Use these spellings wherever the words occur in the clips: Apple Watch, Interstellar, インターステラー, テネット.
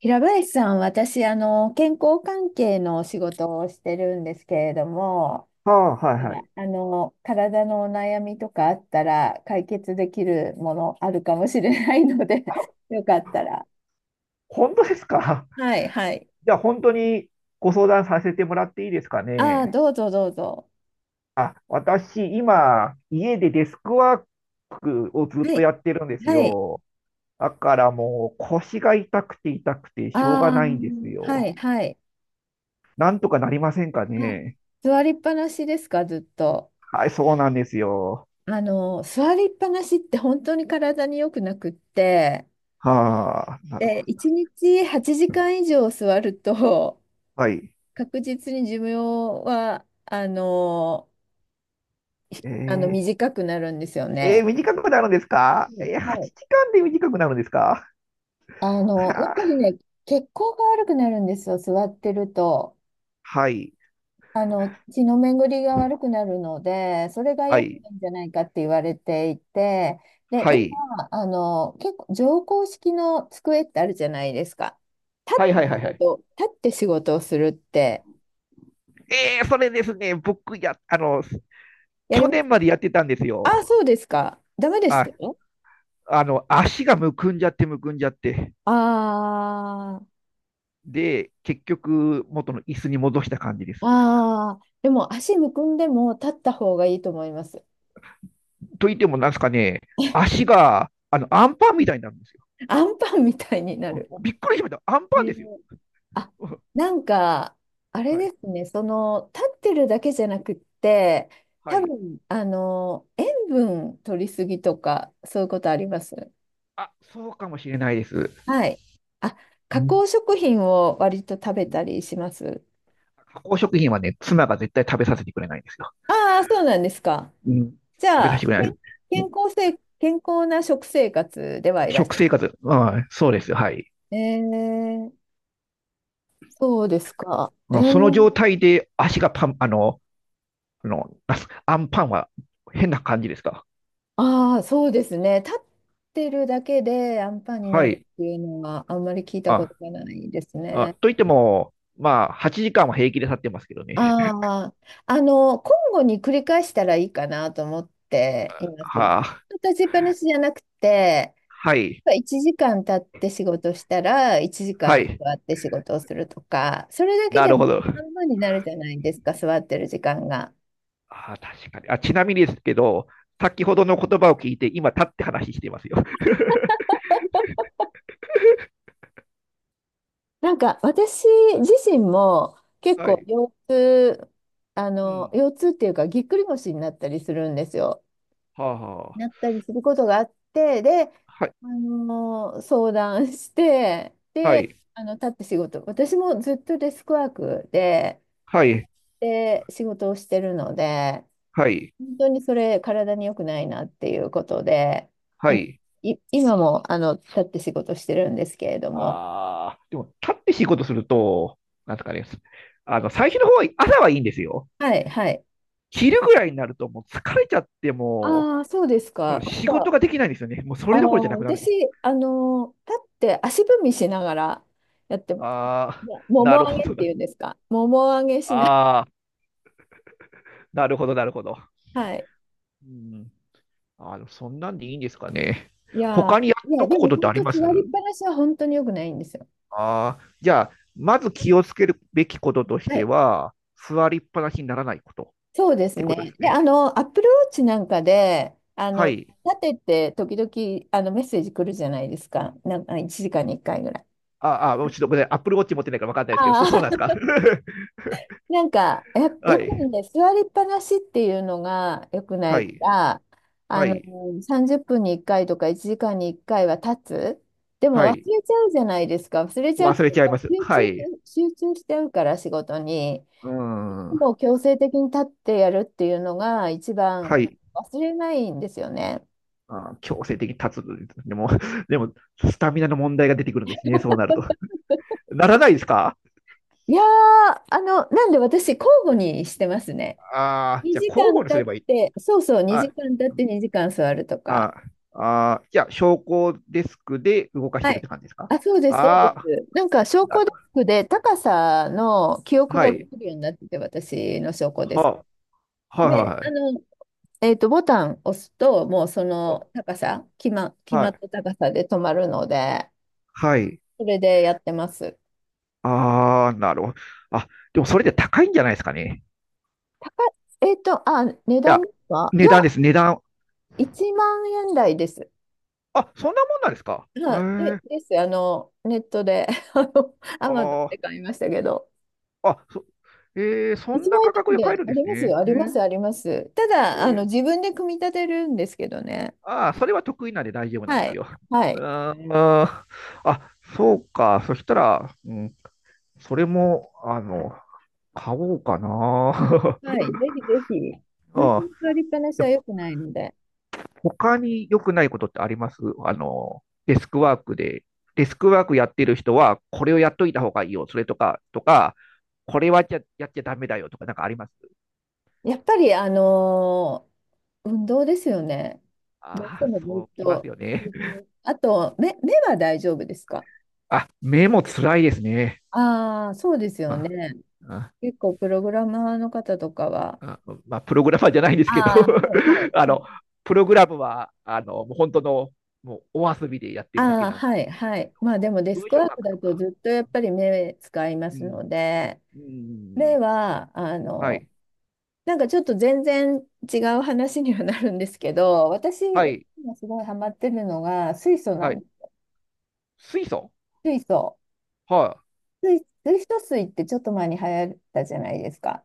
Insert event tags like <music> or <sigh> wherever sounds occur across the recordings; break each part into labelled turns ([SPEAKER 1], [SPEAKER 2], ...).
[SPEAKER 1] 平林さん、私、健康関係のお仕事をしてるんですけれども、
[SPEAKER 2] ああ、はい
[SPEAKER 1] うん
[SPEAKER 2] はい。
[SPEAKER 1] あの、体のお悩みとかあったら解決できるものあるかもしれないので、 <laughs> よかったら。
[SPEAKER 2] 本当ですか？
[SPEAKER 1] はい、はい。
[SPEAKER 2] <laughs> じゃあ本当にご相談させてもらっていいですか
[SPEAKER 1] ああ、
[SPEAKER 2] ね。
[SPEAKER 1] どうぞどうぞ。
[SPEAKER 2] 私、今、家でデスクワークをずっ
[SPEAKER 1] は
[SPEAKER 2] と
[SPEAKER 1] い、
[SPEAKER 2] やってるんです
[SPEAKER 1] はい。
[SPEAKER 2] よ。だからもう腰が痛くて痛くてしょうが
[SPEAKER 1] ああ、
[SPEAKER 2] ないんです
[SPEAKER 1] は
[SPEAKER 2] よ。
[SPEAKER 1] い、はい。
[SPEAKER 2] なんとかなりませんか
[SPEAKER 1] あ、
[SPEAKER 2] ね？
[SPEAKER 1] 座りっぱなしですか、ずっと。
[SPEAKER 2] はい、そうなんですよ。
[SPEAKER 1] 座りっぱなしって本当に体に良くなくって、
[SPEAKER 2] はあ、なるほ
[SPEAKER 1] で、
[SPEAKER 2] ど。
[SPEAKER 1] 1日8時間以上座ると、
[SPEAKER 2] はい。
[SPEAKER 1] 確実に寿命は、
[SPEAKER 2] えー
[SPEAKER 1] 短くなるんですよ
[SPEAKER 2] え
[SPEAKER 1] ね。
[SPEAKER 2] ー短くなるんですか？
[SPEAKER 1] うん、
[SPEAKER 2] えー、
[SPEAKER 1] はい。
[SPEAKER 2] 8時間で短くなるんですか？は
[SPEAKER 1] やっぱ
[SPEAKER 2] あ、
[SPEAKER 1] りね、血行が悪くなるんですよ、座ってると。
[SPEAKER 2] はい。
[SPEAKER 1] 血の巡りが悪くなるので、それが
[SPEAKER 2] は
[SPEAKER 1] 良く
[SPEAKER 2] い。
[SPEAKER 1] ないんじゃないかって言われていて、で、
[SPEAKER 2] はい。
[SPEAKER 1] 今、結構、乗降式の机ってあるじゃないですか。立
[SPEAKER 2] はい。は
[SPEAKER 1] っ
[SPEAKER 2] い。
[SPEAKER 1] て
[SPEAKER 2] は
[SPEAKER 1] 仕
[SPEAKER 2] い。はい。
[SPEAKER 1] 立って仕事をするって、
[SPEAKER 2] それですね、僕や、
[SPEAKER 1] やり
[SPEAKER 2] 去
[SPEAKER 1] まし
[SPEAKER 2] 年
[SPEAKER 1] た。
[SPEAKER 2] までやってたんです
[SPEAKER 1] あ
[SPEAKER 2] よ。
[SPEAKER 1] あ、そうですか。ダメでし
[SPEAKER 2] あ、
[SPEAKER 1] たよ。
[SPEAKER 2] 足がむくんじゃってむくんじゃって。
[SPEAKER 1] あ
[SPEAKER 2] で、結局、元の椅子に戻した感じです。
[SPEAKER 1] ああ、でも足むくんでも立った方がいいと思います。
[SPEAKER 2] と言っても、なんですかね、足が、アンパンみたいになるんですよ。
[SPEAKER 1] <laughs> アンパンみたいにな
[SPEAKER 2] う
[SPEAKER 1] る。
[SPEAKER 2] ん、びっくりしました。アンパン
[SPEAKER 1] ね。
[SPEAKER 2] ですよ。
[SPEAKER 1] あ、
[SPEAKER 2] <laughs> うん、
[SPEAKER 1] なんか、あれ
[SPEAKER 2] はい。
[SPEAKER 1] ですね、その、立ってるだけじゃなくって、
[SPEAKER 2] は
[SPEAKER 1] 多
[SPEAKER 2] い。
[SPEAKER 1] 分、塩分取りすぎとか、そういうことあります。
[SPEAKER 2] あ、そうかもしれないです。
[SPEAKER 1] はい。あ、
[SPEAKER 2] う
[SPEAKER 1] 加
[SPEAKER 2] ん、
[SPEAKER 1] 工食品を割と食べたりします。
[SPEAKER 2] 加工食品はね、妻が絶対食べさせてくれないんですよ。
[SPEAKER 1] ああ、そうなんですか。
[SPEAKER 2] うん、
[SPEAKER 1] じ
[SPEAKER 2] 食べさ
[SPEAKER 1] ゃ
[SPEAKER 2] せ
[SPEAKER 1] あ、
[SPEAKER 2] てくれない。うん、
[SPEAKER 1] 健康な食生活ではいらっ
[SPEAKER 2] 食
[SPEAKER 1] しゃる。
[SPEAKER 2] 生活、うん、そうです。はい。
[SPEAKER 1] えーそうですか。
[SPEAKER 2] うん、その状態で足がパン、あの、あの、<laughs> アンパンは変な感じですか？
[SPEAKER 1] ああ、そうですね。立ってるだけでアンパンにな
[SPEAKER 2] は
[SPEAKER 1] る
[SPEAKER 2] い。
[SPEAKER 1] っていうのはあんまり聞いたこ
[SPEAKER 2] あ、
[SPEAKER 1] とがないです
[SPEAKER 2] あ、
[SPEAKER 1] ね。
[SPEAKER 2] と言っても、まあ、8時間は平気で経ってますけどね。
[SPEAKER 1] ああ、交互に繰り返したらいいかなと思ってい
[SPEAKER 2] <laughs>
[SPEAKER 1] ます。ず
[SPEAKER 2] はあ、
[SPEAKER 1] っと立ちっぱなしじゃなくて、
[SPEAKER 2] はい、
[SPEAKER 1] 1時間経って仕事したら1
[SPEAKER 2] は
[SPEAKER 1] 時間
[SPEAKER 2] い。
[SPEAKER 1] 座って仕事をするとか、それだけ
[SPEAKER 2] な
[SPEAKER 1] で
[SPEAKER 2] る
[SPEAKER 1] も
[SPEAKER 2] ほど。
[SPEAKER 1] 半分になるじゃないですか、座ってる時間が。
[SPEAKER 2] あ、確かに。あ、ちなみにですけど、先ほどの言葉を聞いて、今、立って話していますよ。
[SPEAKER 1] なんか私自身も
[SPEAKER 2] <laughs>
[SPEAKER 1] 結
[SPEAKER 2] は
[SPEAKER 1] 構
[SPEAKER 2] い。うん。
[SPEAKER 1] 腰痛っていうかぎっくり腰になったりするんですよ。
[SPEAKER 2] はあ、は
[SPEAKER 1] なったりすることがあって、で、
[SPEAKER 2] あ。はい、
[SPEAKER 1] 相談して、
[SPEAKER 2] は
[SPEAKER 1] で、立って仕事、私もずっとデスクワークで、
[SPEAKER 2] い、
[SPEAKER 1] で、仕事をしてるので、
[SPEAKER 2] はい、
[SPEAKER 1] 本当にそれ体に良くないなっていうことで、
[SPEAKER 2] はい。
[SPEAKER 1] い、今も立って仕事してるんですけれども。
[SPEAKER 2] ああー、でも、立って仕事すると、なんですかね、最初の方は、朝はいいんですよ。
[SPEAKER 1] はい、はい。
[SPEAKER 2] 昼ぐらいになると、もう疲れちゃっても
[SPEAKER 1] ああ、そうです
[SPEAKER 2] う、
[SPEAKER 1] か。
[SPEAKER 2] 仕事ができないんですよね。もうそれどころじゃなくなるん
[SPEAKER 1] 私、
[SPEAKER 2] です。
[SPEAKER 1] 立って足踏みしながらやってます。
[SPEAKER 2] ああ、
[SPEAKER 1] もも
[SPEAKER 2] な
[SPEAKER 1] も
[SPEAKER 2] る
[SPEAKER 1] 上
[SPEAKER 2] ほ
[SPEAKER 1] げ
[SPEAKER 2] ど
[SPEAKER 1] って
[SPEAKER 2] な
[SPEAKER 1] いうん
[SPEAKER 2] る。
[SPEAKER 1] ですか。もも上げしな、
[SPEAKER 2] ああ、なるほど、なるほど。
[SPEAKER 1] <laughs> はい。
[SPEAKER 2] うん。そんなんでいいんですかね。
[SPEAKER 1] いやー、
[SPEAKER 2] 他にや
[SPEAKER 1] い
[SPEAKER 2] っ
[SPEAKER 1] や、
[SPEAKER 2] とく
[SPEAKER 1] で
[SPEAKER 2] こ
[SPEAKER 1] も
[SPEAKER 2] とって
[SPEAKER 1] 本
[SPEAKER 2] あり
[SPEAKER 1] 当、
[SPEAKER 2] ます
[SPEAKER 1] 座りっぱなしは本当に良くないんですよ。
[SPEAKER 2] ああー、じゃあ、まず気をつけるべきこととし
[SPEAKER 1] は
[SPEAKER 2] て
[SPEAKER 1] い。
[SPEAKER 2] は、座りっぱなしにならないことっ
[SPEAKER 1] そうです
[SPEAKER 2] てことで
[SPEAKER 1] ね。
[SPEAKER 2] す
[SPEAKER 1] で、
[SPEAKER 2] ね。
[SPEAKER 1] アップルウォッチなんかで、
[SPEAKER 2] はい。
[SPEAKER 1] 立てて、時々、メッセージ来るじゃないですか。なんか、1時間に1回ぐらい。
[SPEAKER 2] ああ、もうちょっとごめんなさい。Apple Watch 持ってないから分かんないですけど、そう
[SPEAKER 1] ああ、
[SPEAKER 2] なんですか？ <laughs>
[SPEAKER 1] やっぱ
[SPEAKER 2] は
[SPEAKER 1] り
[SPEAKER 2] い。
[SPEAKER 1] ね、座りっぱなしっていうのが良くな
[SPEAKER 2] は
[SPEAKER 1] いか
[SPEAKER 2] い。
[SPEAKER 1] ら、
[SPEAKER 2] は
[SPEAKER 1] あの、
[SPEAKER 2] い。
[SPEAKER 1] 30分に1回とか1時間に1回は立つ。でも
[SPEAKER 2] は
[SPEAKER 1] 忘
[SPEAKER 2] い。
[SPEAKER 1] れちゃうじゃないですか。忘れちゃうって
[SPEAKER 2] 忘れ
[SPEAKER 1] いう
[SPEAKER 2] ちゃい
[SPEAKER 1] か、
[SPEAKER 2] ます。はい。
[SPEAKER 1] 集中しちゃうから仕事に。
[SPEAKER 2] うん。
[SPEAKER 1] もう強制的に立ってやるっていうのが一
[SPEAKER 2] は
[SPEAKER 1] 番
[SPEAKER 2] い。
[SPEAKER 1] 忘れないんですよね。
[SPEAKER 2] あー、強制的に立つ。でも、<laughs> でも、スタミナの問題が出てくるんですね。そうなると。<laughs> ならないですか？
[SPEAKER 1] いやー、なんで私交互にしてますね。
[SPEAKER 2] ああー、じゃあ交互にすればいい。は
[SPEAKER 1] 2
[SPEAKER 2] い。
[SPEAKER 1] 時間経って2時間座るとか。
[SPEAKER 2] あーじゃあ、昇降デスクで動かし
[SPEAKER 1] は
[SPEAKER 2] てるっ
[SPEAKER 1] い。
[SPEAKER 2] て感じですか？
[SPEAKER 1] あ、そうです、そうで
[SPEAKER 2] ああ
[SPEAKER 1] す。なんか、昇
[SPEAKER 2] ー、
[SPEAKER 1] 降デスクで高さの記憶
[SPEAKER 2] は
[SPEAKER 1] がで
[SPEAKER 2] い。
[SPEAKER 1] きるようになってて、私の昇降デス
[SPEAKER 2] は、は
[SPEAKER 1] ク。
[SPEAKER 2] いは
[SPEAKER 1] で、
[SPEAKER 2] いはい。
[SPEAKER 1] ボタン押すと、もうそ
[SPEAKER 2] お
[SPEAKER 1] の高さ、決ま
[SPEAKER 2] は
[SPEAKER 1] った高さで止まるので、
[SPEAKER 2] い。
[SPEAKER 1] それでやってます。
[SPEAKER 2] ああ、なるほど。あ、でもそれで高いんじゃないですかね。
[SPEAKER 1] 高い、値
[SPEAKER 2] い
[SPEAKER 1] 段
[SPEAKER 2] や、
[SPEAKER 1] ですか？い
[SPEAKER 2] 値
[SPEAKER 1] や、
[SPEAKER 2] 段です、値段。
[SPEAKER 1] 1万円台です。
[SPEAKER 2] あ、そんなもんなんですか。へ
[SPEAKER 1] はい、で、
[SPEAKER 2] え。
[SPEAKER 1] です。ネットで、アマゾン
[SPEAKER 2] あ
[SPEAKER 1] で
[SPEAKER 2] あ、
[SPEAKER 1] 買いましたけど。
[SPEAKER 2] あ、そ、えー、そん
[SPEAKER 1] 一
[SPEAKER 2] な
[SPEAKER 1] 枚
[SPEAKER 2] 価
[SPEAKER 1] な
[SPEAKER 2] 格
[SPEAKER 1] ん
[SPEAKER 2] で買え
[SPEAKER 1] で、
[SPEAKER 2] るん
[SPEAKER 1] あ
[SPEAKER 2] で
[SPEAKER 1] り
[SPEAKER 2] す
[SPEAKER 1] ますよ、
[SPEAKER 2] ね。
[SPEAKER 1] あります、あります。た
[SPEAKER 2] え
[SPEAKER 1] だ、
[SPEAKER 2] ー
[SPEAKER 1] 自分で組み立てるんですけどね。
[SPEAKER 2] ああ、それは得意なんで大丈夫なん
[SPEAKER 1] は
[SPEAKER 2] です
[SPEAKER 1] い。
[SPEAKER 2] よ。
[SPEAKER 1] は
[SPEAKER 2] あ
[SPEAKER 1] い。
[SPEAKER 2] ー、あそうか。そしたら、うん、それも、買おうかな。
[SPEAKER 1] はい。ぜひぜひ。
[SPEAKER 2] <laughs>
[SPEAKER 1] 本当
[SPEAKER 2] あ
[SPEAKER 1] に座りっぱなしは
[SPEAKER 2] ー、
[SPEAKER 1] 良くないので。
[SPEAKER 2] 他に良くないことってありますデスクワークで、デスクワークやってる人は、これをやっといた方がいいよ。それとか、これはやっちゃダメだよとか、なんかあります
[SPEAKER 1] やっぱり、運動ですよね。どうし
[SPEAKER 2] あ
[SPEAKER 1] て
[SPEAKER 2] あー、
[SPEAKER 1] もず
[SPEAKER 2] そう
[SPEAKER 1] っ
[SPEAKER 2] きます
[SPEAKER 1] と。
[SPEAKER 2] よ
[SPEAKER 1] ず
[SPEAKER 2] ね。
[SPEAKER 1] っとあと、目は大丈夫ですか？
[SPEAKER 2] あ、目も辛いですね。
[SPEAKER 1] ああー、そうですよ
[SPEAKER 2] ま
[SPEAKER 1] ね。
[SPEAKER 2] あ、
[SPEAKER 1] 結構、プログラマーの方とかは。
[SPEAKER 2] ああまあ、プログラマーじゃないんですけど。
[SPEAKER 1] ああ、はい、
[SPEAKER 2] <laughs> あ
[SPEAKER 1] は
[SPEAKER 2] の、
[SPEAKER 1] い。
[SPEAKER 2] プログラムは、もう本当の、もうお遊びでやってるだけ
[SPEAKER 1] ああ、
[SPEAKER 2] なんで、
[SPEAKER 1] はい、はい。まあでもデス
[SPEAKER 2] 文
[SPEAKER 1] ク
[SPEAKER 2] 章書
[SPEAKER 1] ワーク
[SPEAKER 2] く
[SPEAKER 1] だ
[SPEAKER 2] と
[SPEAKER 1] と
[SPEAKER 2] か。
[SPEAKER 1] ずっとやっぱり目使いま
[SPEAKER 2] う
[SPEAKER 1] す
[SPEAKER 2] ん、
[SPEAKER 1] ので、
[SPEAKER 2] う
[SPEAKER 1] 目
[SPEAKER 2] ん、
[SPEAKER 1] は、
[SPEAKER 2] はい、
[SPEAKER 1] なんかちょっと全然違う話にはなるんですけど、私
[SPEAKER 2] はい、
[SPEAKER 1] 今すごいハマってるのが
[SPEAKER 2] はい。水素。
[SPEAKER 1] 水素。
[SPEAKER 2] はい。
[SPEAKER 1] 水素水ってちょっと前に流行ったじゃないですか。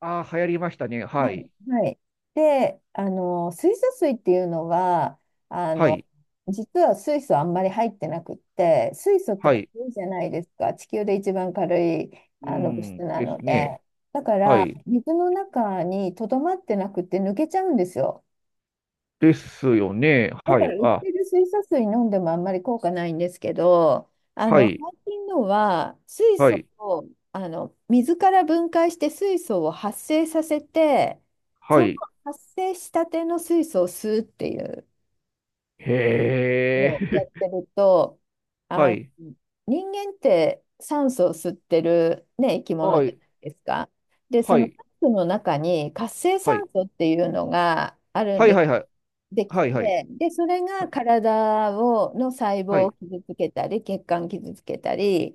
[SPEAKER 2] ああ、流行りましたね。
[SPEAKER 1] は
[SPEAKER 2] はい、
[SPEAKER 1] い。はい。で、水素水っていうのは、あ
[SPEAKER 2] は
[SPEAKER 1] の、
[SPEAKER 2] い、
[SPEAKER 1] 実は水素あんまり入ってなくって、水素って
[SPEAKER 2] は
[SPEAKER 1] 軽
[SPEAKER 2] い。
[SPEAKER 1] いじゃないですか。地球で一番軽い
[SPEAKER 2] う
[SPEAKER 1] 物質
[SPEAKER 2] ん、
[SPEAKER 1] な
[SPEAKER 2] で
[SPEAKER 1] の
[SPEAKER 2] す
[SPEAKER 1] で。
[SPEAKER 2] ね。
[SPEAKER 1] だか
[SPEAKER 2] は
[SPEAKER 1] ら、
[SPEAKER 2] い。
[SPEAKER 1] 水の中にとどまってなくて抜けちゃうんですよ。
[SPEAKER 2] ですよね。
[SPEAKER 1] だ
[SPEAKER 2] は
[SPEAKER 1] か
[SPEAKER 2] い、
[SPEAKER 1] ら売っ
[SPEAKER 2] あ、
[SPEAKER 1] てる水素水飲んでもあんまり効果ないんですけど、
[SPEAKER 2] はい、
[SPEAKER 1] 最近のは水
[SPEAKER 2] は
[SPEAKER 1] 素
[SPEAKER 2] い、
[SPEAKER 1] を水から分解して水素を発生させて、
[SPEAKER 2] は
[SPEAKER 1] その
[SPEAKER 2] い。
[SPEAKER 1] 発生したての水素を吸うっていう
[SPEAKER 2] へ
[SPEAKER 1] をや
[SPEAKER 2] え。
[SPEAKER 1] ってると、
[SPEAKER 2] <laughs> は
[SPEAKER 1] あの、
[SPEAKER 2] い、
[SPEAKER 1] 人間って酸素を吸ってる、ね、生き物
[SPEAKER 2] は
[SPEAKER 1] じゃ
[SPEAKER 2] い、
[SPEAKER 1] ないですか。で、そ
[SPEAKER 2] は
[SPEAKER 1] の
[SPEAKER 2] い、
[SPEAKER 1] 酸素の中に活性
[SPEAKER 2] は
[SPEAKER 1] 酸素っていうのがあるん
[SPEAKER 2] い、
[SPEAKER 1] です。
[SPEAKER 2] はい、はい、
[SPEAKER 1] でき
[SPEAKER 2] はい、はい、はい。
[SPEAKER 1] て、で、それがの細
[SPEAKER 2] は
[SPEAKER 1] 胞を
[SPEAKER 2] い。
[SPEAKER 1] 傷つけたり、血管傷つけたり、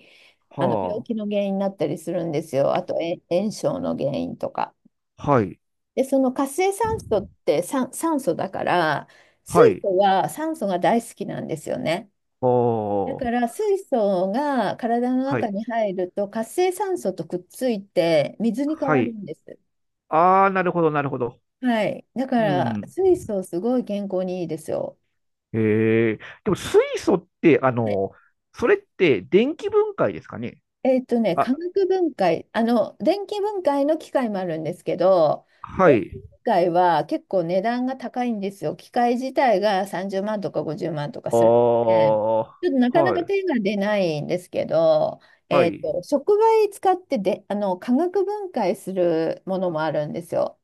[SPEAKER 1] 病
[SPEAKER 2] は
[SPEAKER 1] 気の原因になったりするんですよ。あと、炎症の原因とか。
[SPEAKER 2] あ。はい。
[SPEAKER 1] で、その活性酸素って酸素だから、水
[SPEAKER 2] はい。
[SPEAKER 1] 素は酸素が大好きなんですよね。だ
[SPEAKER 2] おー。
[SPEAKER 1] から水素が体の
[SPEAKER 2] は
[SPEAKER 1] 中
[SPEAKER 2] い。
[SPEAKER 1] に入ると活性酸素とくっついて水に変
[SPEAKER 2] は
[SPEAKER 1] わる
[SPEAKER 2] い。
[SPEAKER 1] んです。
[SPEAKER 2] ああ、なるほど、なるほど。
[SPEAKER 1] はい。だか
[SPEAKER 2] う
[SPEAKER 1] ら
[SPEAKER 2] ん。
[SPEAKER 1] 水素すごい健康にいいですよ。
[SPEAKER 2] へえ。でも、水素って、それって電気分解ですかね？
[SPEAKER 1] えっとね、
[SPEAKER 2] あ、
[SPEAKER 1] 化学分解、電気分解の機械もあるんですけど、
[SPEAKER 2] は
[SPEAKER 1] 電気
[SPEAKER 2] い。
[SPEAKER 1] 分解は結構値段が高いんですよ。機械自体が30万とか50万とか
[SPEAKER 2] あ
[SPEAKER 1] するので、ちょっとな
[SPEAKER 2] あ、
[SPEAKER 1] かな
[SPEAKER 2] は
[SPEAKER 1] か手
[SPEAKER 2] い。
[SPEAKER 1] が出ないんですけど、
[SPEAKER 2] はい。
[SPEAKER 1] 触媒使ってで、化学分解するものもあるんですよ。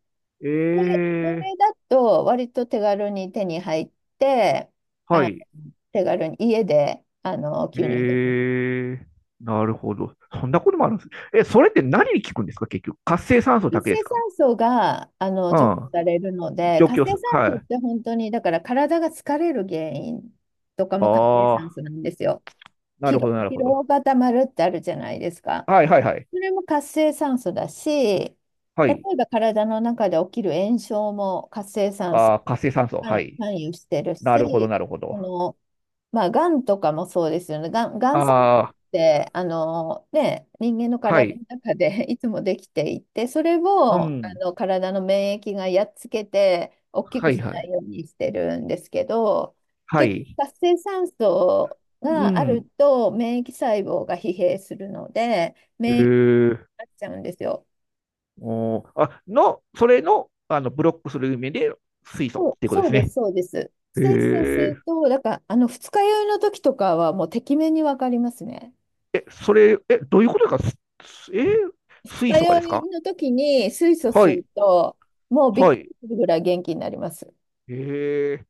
[SPEAKER 1] で、
[SPEAKER 2] え
[SPEAKER 1] そ
[SPEAKER 2] え、
[SPEAKER 1] れだと割と手軽に手に入って、あ
[SPEAKER 2] は
[SPEAKER 1] の
[SPEAKER 2] い。
[SPEAKER 1] 手軽に家で吸入で
[SPEAKER 2] え
[SPEAKER 1] きる。
[SPEAKER 2] え、なるほど。そんなこともあるんです。え、それって何に効くんですか結局。活性酸素
[SPEAKER 1] 活
[SPEAKER 2] だけ
[SPEAKER 1] 性
[SPEAKER 2] ですか？
[SPEAKER 1] 酸素が
[SPEAKER 2] う
[SPEAKER 1] 除去
[SPEAKER 2] ん。
[SPEAKER 1] されるので、
[SPEAKER 2] 除
[SPEAKER 1] 活
[SPEAKER 2] 去
[SPEAKER 1] 性
[SPEAKER 2] す。
[SPEAKER 1] 酸
[SPEAKER 2] は
[SPEAKER 1] 素
[SPEAKER 2] い。
[SPEAKER 1] って本当に、だから体が疲れる原因とかも活性酸
[SPEAKER 2] ああ、
[SPEAKER 1] 素なんですよ。
[SPEAKER 2] なるほど、なる
[SPEAKER 1] 疲
[SPEAKER 2] ほど。
[SPEAKER 1] 労がたまるってあるじゃないですか。
[SPEAKER 2] はいはいはい。
[SPEAKER 1] それも活性酸素だし、例
[SPEAKER 2] はい。
[SPEAKER 1] えば体の中で起きる炎症も活性酸素
[SPEAKER 2] ああ、活性酸素。
[SPEAKER 1] が
[SPEAKER 2] はい。
[SPEAKER 1] 関与してる
[SPEAKER 2] なるほど、
[SPEAKER 1] し、
[SPEAKER 2] なるほ
[SPEAKER 1] そ
[SPEAKER 2] ど。
[SPEAKER 1] のまあ、がんとかもそうですよね。がん細胞っ
[SPEAKER 2] ああ、
[SPEAKER 1] て、ね、人間の
[SPEAKER 2] は
[SPEAKER 1] 体の
[SPEAKER 2] い。
[SPEAKER 1] 中で <laughs> いつもできていて、それ
[SPEAKER 2] う
[SPEAKER 1] を、
[SPEAKER 2] ん。
[SPEAKER 1] 体の免疫がやっつけて、大き
[SPEAKER 2] は
[SPEAKER 1] く
[SPEAKER 2] い
[SPEAKER 1] し
[SPEAKER 2] は
[SPEAKER 1] な
[SPEAKER 2] い。
[SPEAKER 1] いようにしてるんですけど、
[SPEAKER 2] は
[SPEAKER 1] 結局、
[SPEAKER 2] い。
[SPEAKER 1] 活性酸素
[SPEAKER 2] う
[SPEAKER 1] がある
[SPEAKER 2] ん。
[SPEAKER 1] と、免疫細胞が疲弊するので、
[SPEAKER 2] え
[SPEAKER 1] 免疫に
[SPEAKER 2] ー、
[SPEAKER 1] なっちゃうんですよ。
[SPEAKER 2] おー、あ、の、それの、あの、ブロックする意味で水
[SPEAKER 1] そ
[SPEAKER 2] 素
[SPEAKER 1] う、
[SPEAKER 2] っていうこと
[SPEAKER 1] そ
[SPEAKER 2] で
[SPEAKER 1] う
[SPEAKER 2] す
[SPEAKER 1] です、
[SPEAKER 2] ね。
[SPEAKER 1] そうです。
[SPEAKER 2] え
[SPEAKER 1] 活性酸素する
[SPEAKER 2] ー、
[SPEAKER 1] と、だから、二日酔いの時とかは、もう、てきめんにわかりますね。
[SPEAKER 2] え、それ、え、どういうことですかすえー
[SPEAKER 1] 二
[SPEAKER 2] 水
[SPEAKER 1] 日
[SPEAKER 2] 素化
[SPEAKER 1] 酔
[SPEAKER 2] ですか？
[SPEAKER 1] いの時に水素
[SPEAKER 2] は
[SPEAKER 1] 吸う
[SPEAKER 2] い。
[SPEAKER 1] と、もうびっ
[SPEAKER 2] は
[SPEAKER 1] く
[SPEAKER 2] い。
[SPEAKER 1] りするぐらい元気になります。
[SPEAKER 2] えー、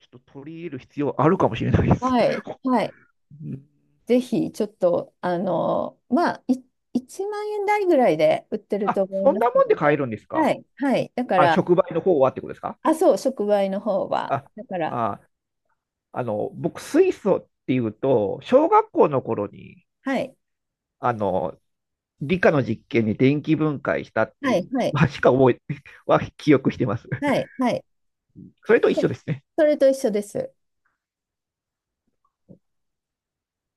[SPEAKER 2] ちょっと取り入れる必要あるかもしれないです。
[SPEAKER 1] はい。
[SPEAKER 2] <laughs>
[SPEAKER 1] はい。
[SPEAKER 2] うん、
[SPEAKER 1] ぜひ、ちょっと、まあ、1万円台ぐらいで売ってると
[SPEAKER 2] あ、
[SPEAKER 1] 思い
[SPEAKER 2] そん
[SPEAKER 1] ます
[SPEAKER 2] な
[SPEAKER 1] け
[SPEAKER 2] もんで
[SPEAKER 1] ど
[SPEAKER 2] 買え
[SPEAKER 1] ね。
[SPEAKER 2] るんです
[SPEAKER 1] は
[SPEAKER 2] か？
[SPEAKER 1] い。はい。だか
[SPEAKER 2] あ、
[SPEAKER 1] ら、
[SPEAKER 2] 触媒の方はってことですか？
[SPEAKER 1] あ、そう、触媒の方は。
[SPEAKER 2] あ、
[SPEAKER 1] だから、
[SPEAKER 2] あ、僕、水素っていうと、小学校の頃に、
[SPEAKER 1] はい。
[SPEAKER 2] あの、理科の実験に電気分解したってい
[SPEAKER 1] は
[SPEAKER 2] う、
[SPEAKER 1] い。はい。
[SPEAKER 2] まあしか覚え、<laughs> は記憶してます。
[SPEAKER 1] はい。はい。
[SPEAKER 2] それと一
[SPEAKER 1] そ
[SPEAKER 2] 緒ですね。
[SPEAKER 1] それと一緒です。